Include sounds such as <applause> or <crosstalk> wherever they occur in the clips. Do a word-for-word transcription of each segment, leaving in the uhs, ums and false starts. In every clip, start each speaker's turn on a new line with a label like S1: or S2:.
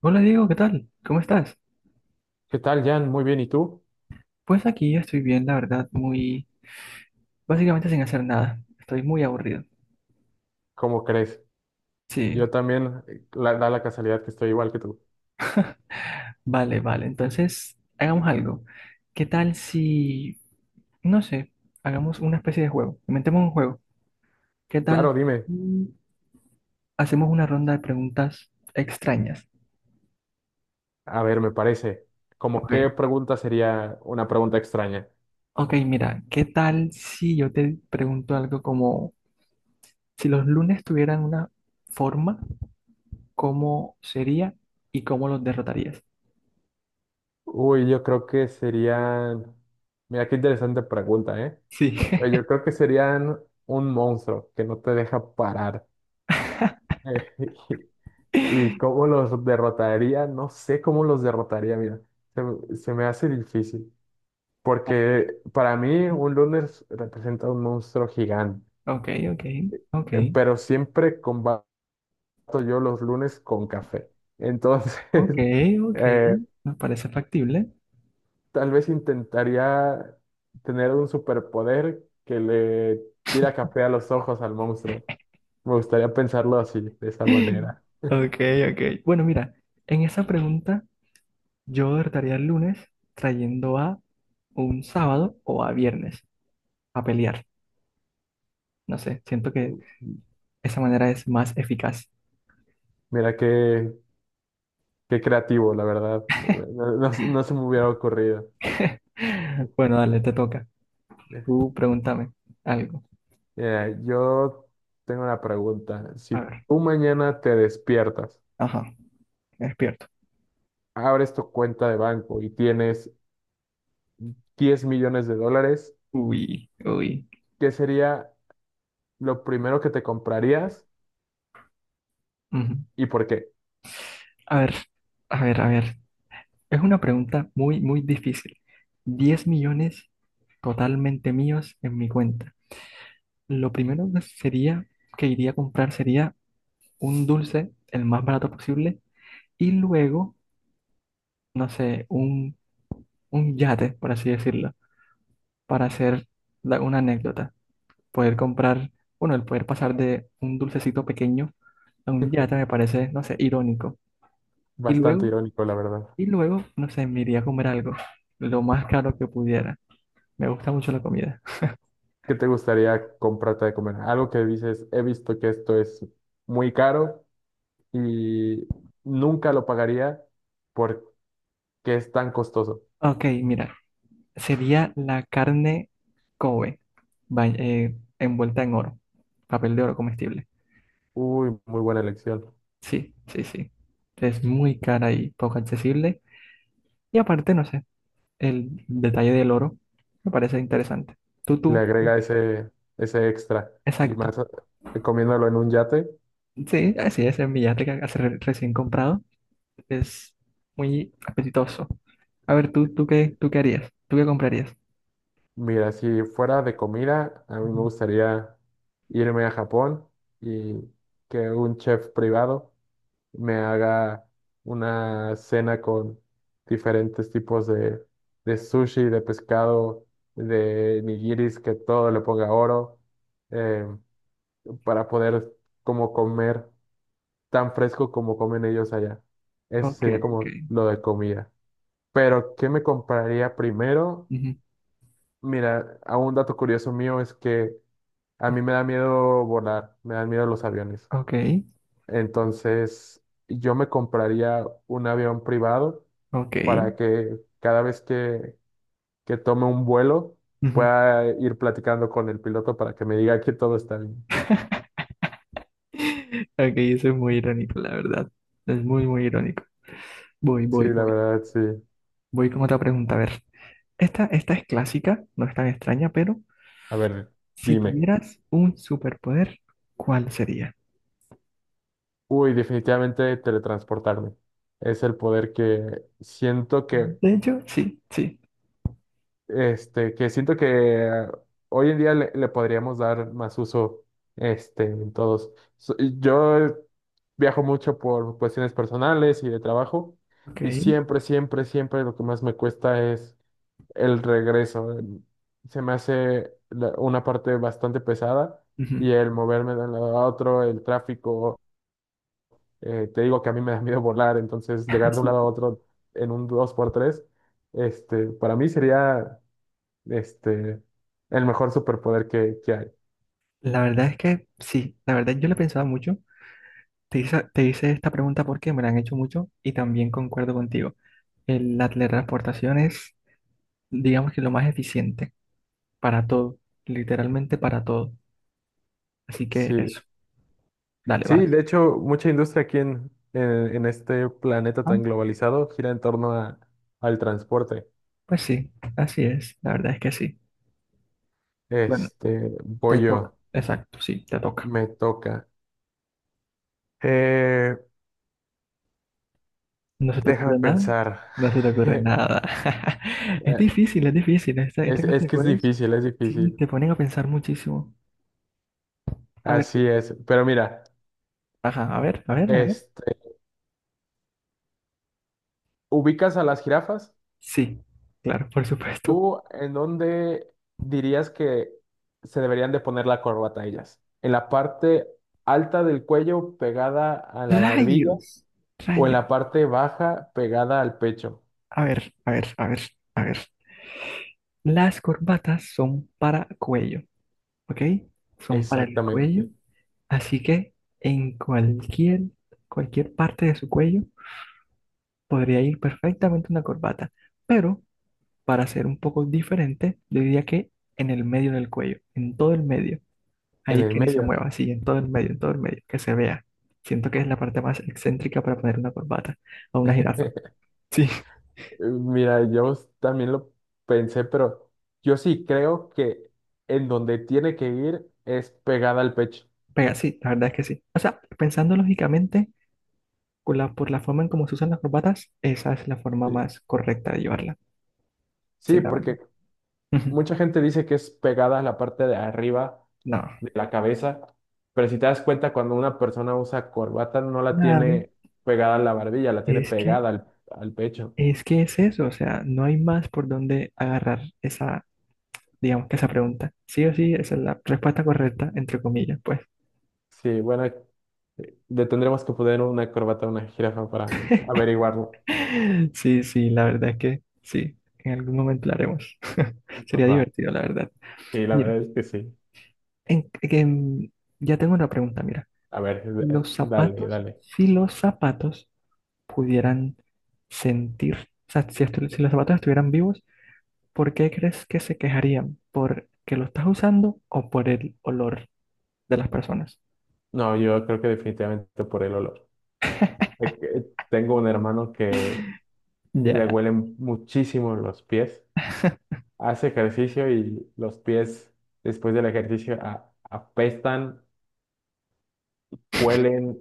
S1: Hola Diego, ¿qué tal? ¿Cómo estás?
S2: ¿Qué tal, Jan? Muy bien, ¿y tú?
S1: Pues aquí yo estoy bien, la verdad, muy... básicamente sin hacer nada. Estoy muy aburrido.
S2: ¿Cómo crees? Yo
S1: Sí,
S2: también, eh, la- da la casualidad que estoy igual que tú.
S1: vale, vale. Entonces, hagamos algo. ¿Qué tal si, no sé, hagamos una especie de juego? Inventemos un juego. ¿Qué tal
S2: Claro, dime.
S1: si hacemos una ronda de preguntas extrañas?
S2: A ver, me parece. ¿Cómo
S1: Ok.
S2: qué pregunta sería una pregunta extraña?
S1: Ok, mira, ¿qué tal si yo te pregunto algo como, si los lunes tuvieran una forma, ¿cómo sería y cómo los derrotarías?
S2: Uy, yo creo que serían... Mira, qué interesante pregunta, ¿eh?
S1: Sí.
S2: Pues yo
S1: <laughs>
S2: creo que serían un monstruo que no te deja parar. <laughs> ¿Y
S1: <laughs>
S2: cómo los derrotaría? No sé cómo los derrotaría, mira. Se, me- se me hace difícil. Porque para mí un lunes representa un monstruo gigante,
S1: Ok, ok, ok,
S2: eh, pero siempre combato yo los lunes con café. Entonces,
S1: ok,
S2: <laughs>
S1: ok.
S2: eh,
S1: Me parece factible.
S2: tal vez intentaría tener un superpoder que le tira café a los ojos al monstruo. Me gustaría pensarlo así, de esa
S1: <laughs>
S2: manera.
S1: Ok, ok. Bueno, mira, en esa pregunta yo derrotaría el lunes trayendo a un sábado o a viernes a pelear. No sé, siento que esa manera es más eficaz.
S2: Mira qué, qué creativo, la verdad. No, no- no se me hubiera ocurrido.
S1: <laughs> Bueno, dale, te toca. Tú pregúntame algo.
S2: Eh, yo tengo una pregunta. Si
S1: A ver.
S2: tú mañana te despiertas,
S1: Ajá, me despierto.
S2: abres tu cuenta de banco y tienes diez millones de dólares,
S1: Uy, uy.
S2: ¿qué sería lo primero que te comprarías
S1: Ujú.
S2: y por qué?
S1: A ver, a ver, a ver. Es una pregunta muy, muy difícil. Diez millones totalmente míos en mi cuenta. Lo primero que sería que iría a comprar sería un dulce, el más barato posible, y luego, no sé, un, un yate, por así decirlo, para hacer la- una anécdota. Poder comprar, bueno, el poder pasar de un dulcecito pequeño a un yate me parece, no sé, irónico. Y
S2: Bastante
S1: luego,
S2: irónico, la verdad.
S1: y luego, no sé, me iría a comer algo, lo más caro que pudiera. Me gusta mucho la comida.
S2: ¿Qué te gustaría comprarte de comer? Algo que dices, he visto que esto es muy caro y nunca lo pagaría porque es tan costoso.
S1: Ok, mira, sería la carne Kobe, va- eh, envuelta en oro, papel de oro comestible.
S2: Uy, muy buena elección.
S1: Sí, sí, sí. Es muy cara y poco accesible. Y aparte, no sé, el detalle del oro me parece interesante. Tú,
S2: Le
S1: tú,
S2: agrega ese, ese extra. Y
S1: exacto.
S2: más eh, comiéndolo en un yate.
S1: Sí, así es, el billete que hace re- recién comprado es muy apetitoso. A ver, tú, tú qué, tú qué harías, tú qué comprarías.
S2: Mira, si fuera de comida, a mí me
S1: Ujú.
S2: gustaría irme a Japón y que un chef privado me haga una cena con diferentes tipos de, de sushi, de pescado, de nigiris, que todo le ponga oro, eh, para poder como comer tan fresco como comen ellos allá. Eso
S1: Ok,
S2: sería
S1: ok.
S2: como lo de comida. Pero, ¿qué me compraría primero?
S1: Ujú.
S2: Mira, a un dato curioso mío es que a mí me da miedo volar, me dan miedo los aviones.
S1: Ok,
S2: Entonces, yo me compraría un avión privado
S1: ok.
S2: para que cada vez que, que tome un vuelo
S1: Ujú.
S2: pueda ir platicando con el piloto para que me diga que todo está bien.
S1: Ok, eso es muy irónico, la verdad. Es muy, muy irónico. Voy,
S2: Sí,
S1: voy,
S2: la
S1: voy.
S2: verdad, sí.
S1: Voy con otra pregunta. A ver, esta, esta es clásica, no es tan extraña, pero
S2: A ver,
S1: si
S2: dime.
S1: tuvieras un superpoder, ¿cuál sería?
S2: Uy, definitivamente teletransportarme. Es el poder que siento que
S1: De hecho, sí, sí.
S2: este, que siento que hoy en día le, le podríamos dar más uso, este, en todos. So- Yo viajo mucho por cuestiones personales y de trabajo,
S1: Ok.
S2: y siempre, siempre, siempre lo que más me cuesta es el regreso. Em, Se me hace la- Una parte bastante pesada
S1: Ujú,
S2: y el moverme de un lado a otro, el tráfico, eh, te digo que a mí me da miedo volar, entonces
S1: <laughs>
S2: llegar de un
S1: sí.
S2: lado a otro en un dos por tres este, para mí sería este, el mejor superpoder que, que hay.
S1: La verdad es que sí, la verdad yo lo he pensado mucho. Te hice, te hice esta pregunta porque me la han hecho mucho y también concuerdo contigo. El- La teletransportación es, digamos que lo más eficiente para todo, literalmente para todo. Así que
S2: Sí.
S1: eso, dale,
S2: Sí,
S1: vas.
S2: de hecho, mucha industria aquí en, en, en este planeta
S1: Ah,
S2: tan globalizado gira en torno a, al transporte.
S1: pues sí, así es, la verdad es que sí. Bueno,
S2: Este,
S1: te
S2: voy
S1: toca,
S2: yo,
S1: exacto, sí, te toca.
S2: me toca. Eh,
S1: ¿No se te
S2: déjame
S1: ocurre nada?
S2: pensar.
S1: No se te ocurre
S2: <laughs>
S1: nada. <laughs> Es
S2: Eh,
S1: difícil, es difícil. Esta, esta
S2: Es,
S1: clase
S2: es
S1: de
S2: que es
S1: juegos
S2: difícil, es
S1: sí
S2: difícil.
S1: te ponen a pensar muchísimo. A ver,
S2: Así es. Pero mira,
S1: ajá, a ver, a ver, a ver.
S2: este, ¿ubicas a las jirafas?
S1: Sí, claro, por supuesto.
S2: ¿Tú en dónde dirías que se deberían de poner la corbata ellas? ¿En la parte alta del cuello pegada a la barbilla
S1: Rayos,
S2: o en
S1: rayos.
S2: la parte baja pegada al pecho?
S1: A ver, a ver, a ver, a ver. Las corbatas son para cuello, ¿ok? Son para el cuello.
S2: Exactamente,
S1: Así que en cualquier, cualquier parte de su cuello podría ir perfectamente una corbata. Pero para ser un poco diferente, yo diría que en el medio del cuello, en todo el medio.
S2: en
S1: Ahí
S2: el
S1: que ni se
S2: medio.
S1: mueva, así, en todo el medio, en todo el medio, que se vea. Siento que es la parte más excéntrica para poner una corbata a una jirafa.
S2: <laughs>
S1: Sí,
S2: Mira, yo también lo pensé, pero yo sí creo que en donde tiene que ir es pegada al pecho.
S1: <laughs> pega, sí, la verdad es que sí. O sea, pensando lógicamente, con la- por la forma en cómo se usan las corbatas, esa es la forma
S2: Sí,
S1: más correcta de llevarla. Sí,
S2: sí,
S1: la verdad.
S2: porque
S1: <laughs>
S2: mucha gente dice que es pegada a la parte de arriba
S1: No.
S2: de la cabeza, pero si te das cuenta, cuando una persona usa corbata, no la
S1: Claro,
S2: tiene pegada a la barbilla, la tiene
S1: es que
S2: pegada al, al pecho.
S1: es que es eso, o sea, no hay más por dónde agarrar esa, digamos que esa pregunta. Sí o sí, esa es la respuesta correcta, entre comillas, pues.
S2: Sí, bueno, le tendremos que poner una corbata a una jirafa para averiguarlo.
S1: <laughs> Sí, sí, la verdad es que sí, en algún momento la haremos. <laughs> Sería
S2: Va.
S1: divertido, la verdad.
S2: Sí, la
S1: Mira,
S2: verdad es que sí.
S1: en- en- ya tengo una pregunta, mira.
S2: A ver, eh,
S1: Los
S2: dale,
S1: zapatos,
S2: dale.
S1: si los zapatos pudieran sentir, o sea, si, estu- si los zapatos estuvieran vivos, ¿por qué crees que se quejarían? ¿Por que lo estás usando o por el olor de las personas?
S2: No, yo creo que definitivamente por el olor. Eh, que Tengo un hermano que le
S1: Ya,
S2: huelen muchísimo los pies. Hace ejercicio y los pies después del ejercicio a- apestan huelen,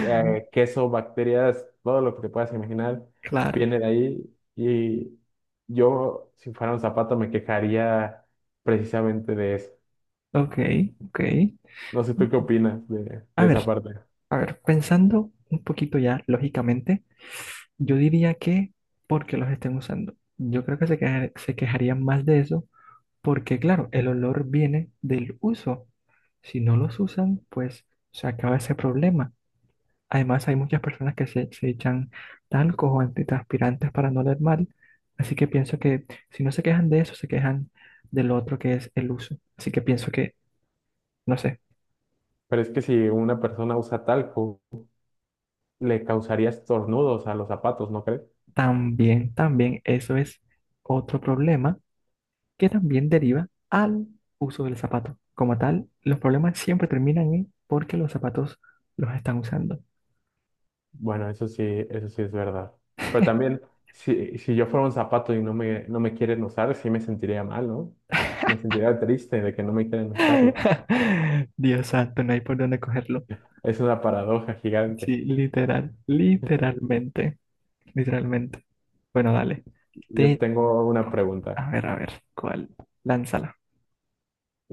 S2: eh, queso, bacterias, todo lo que te puedas imaginar
S1: claro,
S2: viene de ahí. Y yo, si fuera un zapato, me quejaría precisamente de eso.
S1: ok, ok.
S2: No sé tú qué opinas de,
S1: A
S2: de esa
S1: ver,
S2: parte.
S1: a ver, pensando un poquito ya lógicamente, yo diría que porque los estén usando. Yo creo que se queja- se quejarían más de eso porque, claro, el olor viene del uso. Si no los usan, pues se acaba ese problema. Además, hay muchas personas que se, se echan talcos o antitranspirantes para no oler mal. Así que pienso que si no se quejan de eso, se quejan del otro que es el uso. Así que pienso. No sé.
S2: Pero es que si una persona usa talco, le causaría estornudos a los zapatos, ¿no crees?
S1: También, también, eso es otro problema que también deriva al uso del zapato. Como tal, los problemas siempre terminan en porque los zapatos los están usando.
S2: Bueno, eso sí, eso sí es verdad. Pero también, si, si yo fuera un zapato y no me, no me quieren usar, sí me sentiría mal, ¿no? Me sentiría triste de que no me quieren usarlo.
S1: <laughs> Dios santo, no hay por dónde cogerlo.
S2: Es una paradoja
S1: Sí,
S2: gigante.
S1: literal, literalmente, literalmente. Bueno, dale.
S2: Yo
S1: Te,
S2: tengo una pregunta.
S1: a ver, a ver, ¿cuál? Lánzala.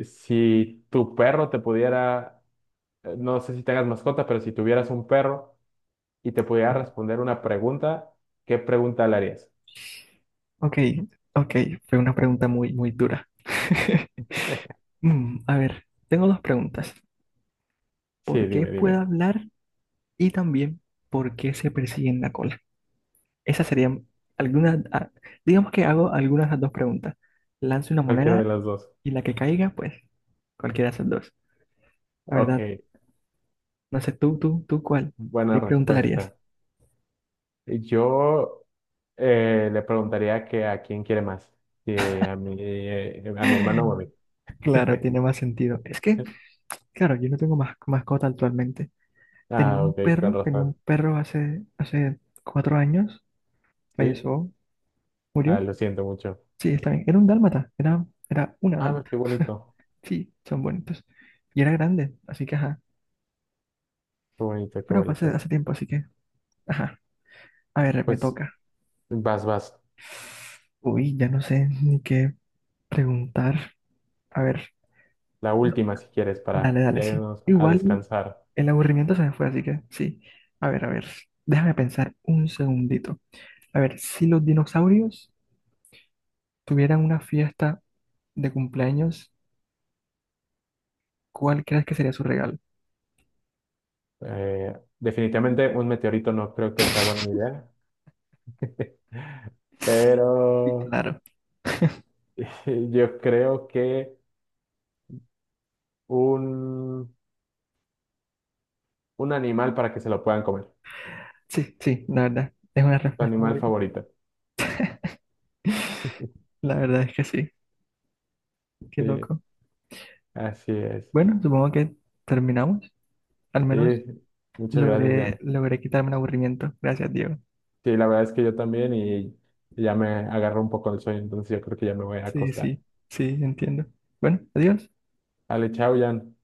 S2: Si tu perro te pudiera, eh, no sé si tengas mascota, pero si tuvieras un perro y te pudiera responder una pregunta, ¿qué pregunta le harías?
S1: Ok, ok, fue una pregunta muy, muy dura. <laughs> Mm, a ver, tengo dos preguntas.
S2: Sí,
S1: Por qué
S2: dime,
S1: puede
S2: dime.
S1: hablar y también por qué se persigue en la cola. Esas serían algunas, ah, digamos que hago algunas de las dos preguntas. Lanzo una
S2: Cualquiera de
S1: moneda
S2: las dos.
S1: y la que caiga, pues cualquiera de esas dos. La
S2: Ok,
S1: verdad, no sé tú, tú, tú cuál,
S2: buena
S1: ¿qué pregunta le harías?
S2: respuesta. Yo eh, le preguntaría que a quién quiere más, si a mi, eh, a mi hermano o a mí.
S1: <laughs> Claro, tiene más sentido. Es que,
S2: <laughs>
S1: claro, yo no tengo más mascota actualmente. Tenía
S2: Ah,
S1: un
S2: ok, con
S1: perro, tenía un
S2: razón.
S1: perro hace, hace cuatro años,
S2: Sí,
S1: falleció,
S2: ah,
S1: murió.
S2: lo siento mucho.
S1: Sí, está bien. Era un dálmata, era, era una
S2: Ah, no,
S1: dálmata.
S2: qué bonito.
S1: Sí, son bonitos. Y era grande, así que ajá.
S2: Qué bonito, qué
S1: Pero pasé hace
S2: bonito.
S1: hace tiempo, así que ajá. A ver, me
S2: Pues
S1: toca.
S2: vas, vas.
S1: Uy, ya no sé ni qué preguntar. A ver,
S2: La última, si quieres,
S1: dale,
S2: para
S1: dale,
S2: ya
S1: sí.
S2: irnos a
S1: Igual
S2: descansar.
S1: el aburrimiento se me fue, así que sí. A ver, a ver. Déjame pensar un segundito. A ver, si los dinosaurios tuvieran una fiesta de cumpleaños, ¿cuál crees que sería su regalo?
S2: Eh, definitivamente un meteorito no creo que sea buena idea, <laughs>
S1: Sí,
S2: pero
S1: claro.
S2: <laughs> yo creo que un, un animal para que se lo puedan comer.
S1: Sí, sí, la verdad. Es una
S2: Tu
S1: respuesta
S2: animal
S1: obvia.
S2: favorito. <laughs>
S1: <laughs> La verdad es que sí. Qué
S2: Sí,
S1: loco.
S2: así es.
S1: Bueno, supongo que terminamos. Al
S2: Sí,
S1: menos
S2: muchas gracias,
S1: logré,
S2: Jan.
S1: logré quitarme el aburrimiento. Gracias, Diego.
S2: Sí, la verdad es que yo también y ya me agarró un poco el sueño, entonces yo creo que ya me voy a
S1: Sí,
S2: acostar.
S1: sí, sí, entiendo. Bueno, adiós.
S2: Dale, chao, Jan.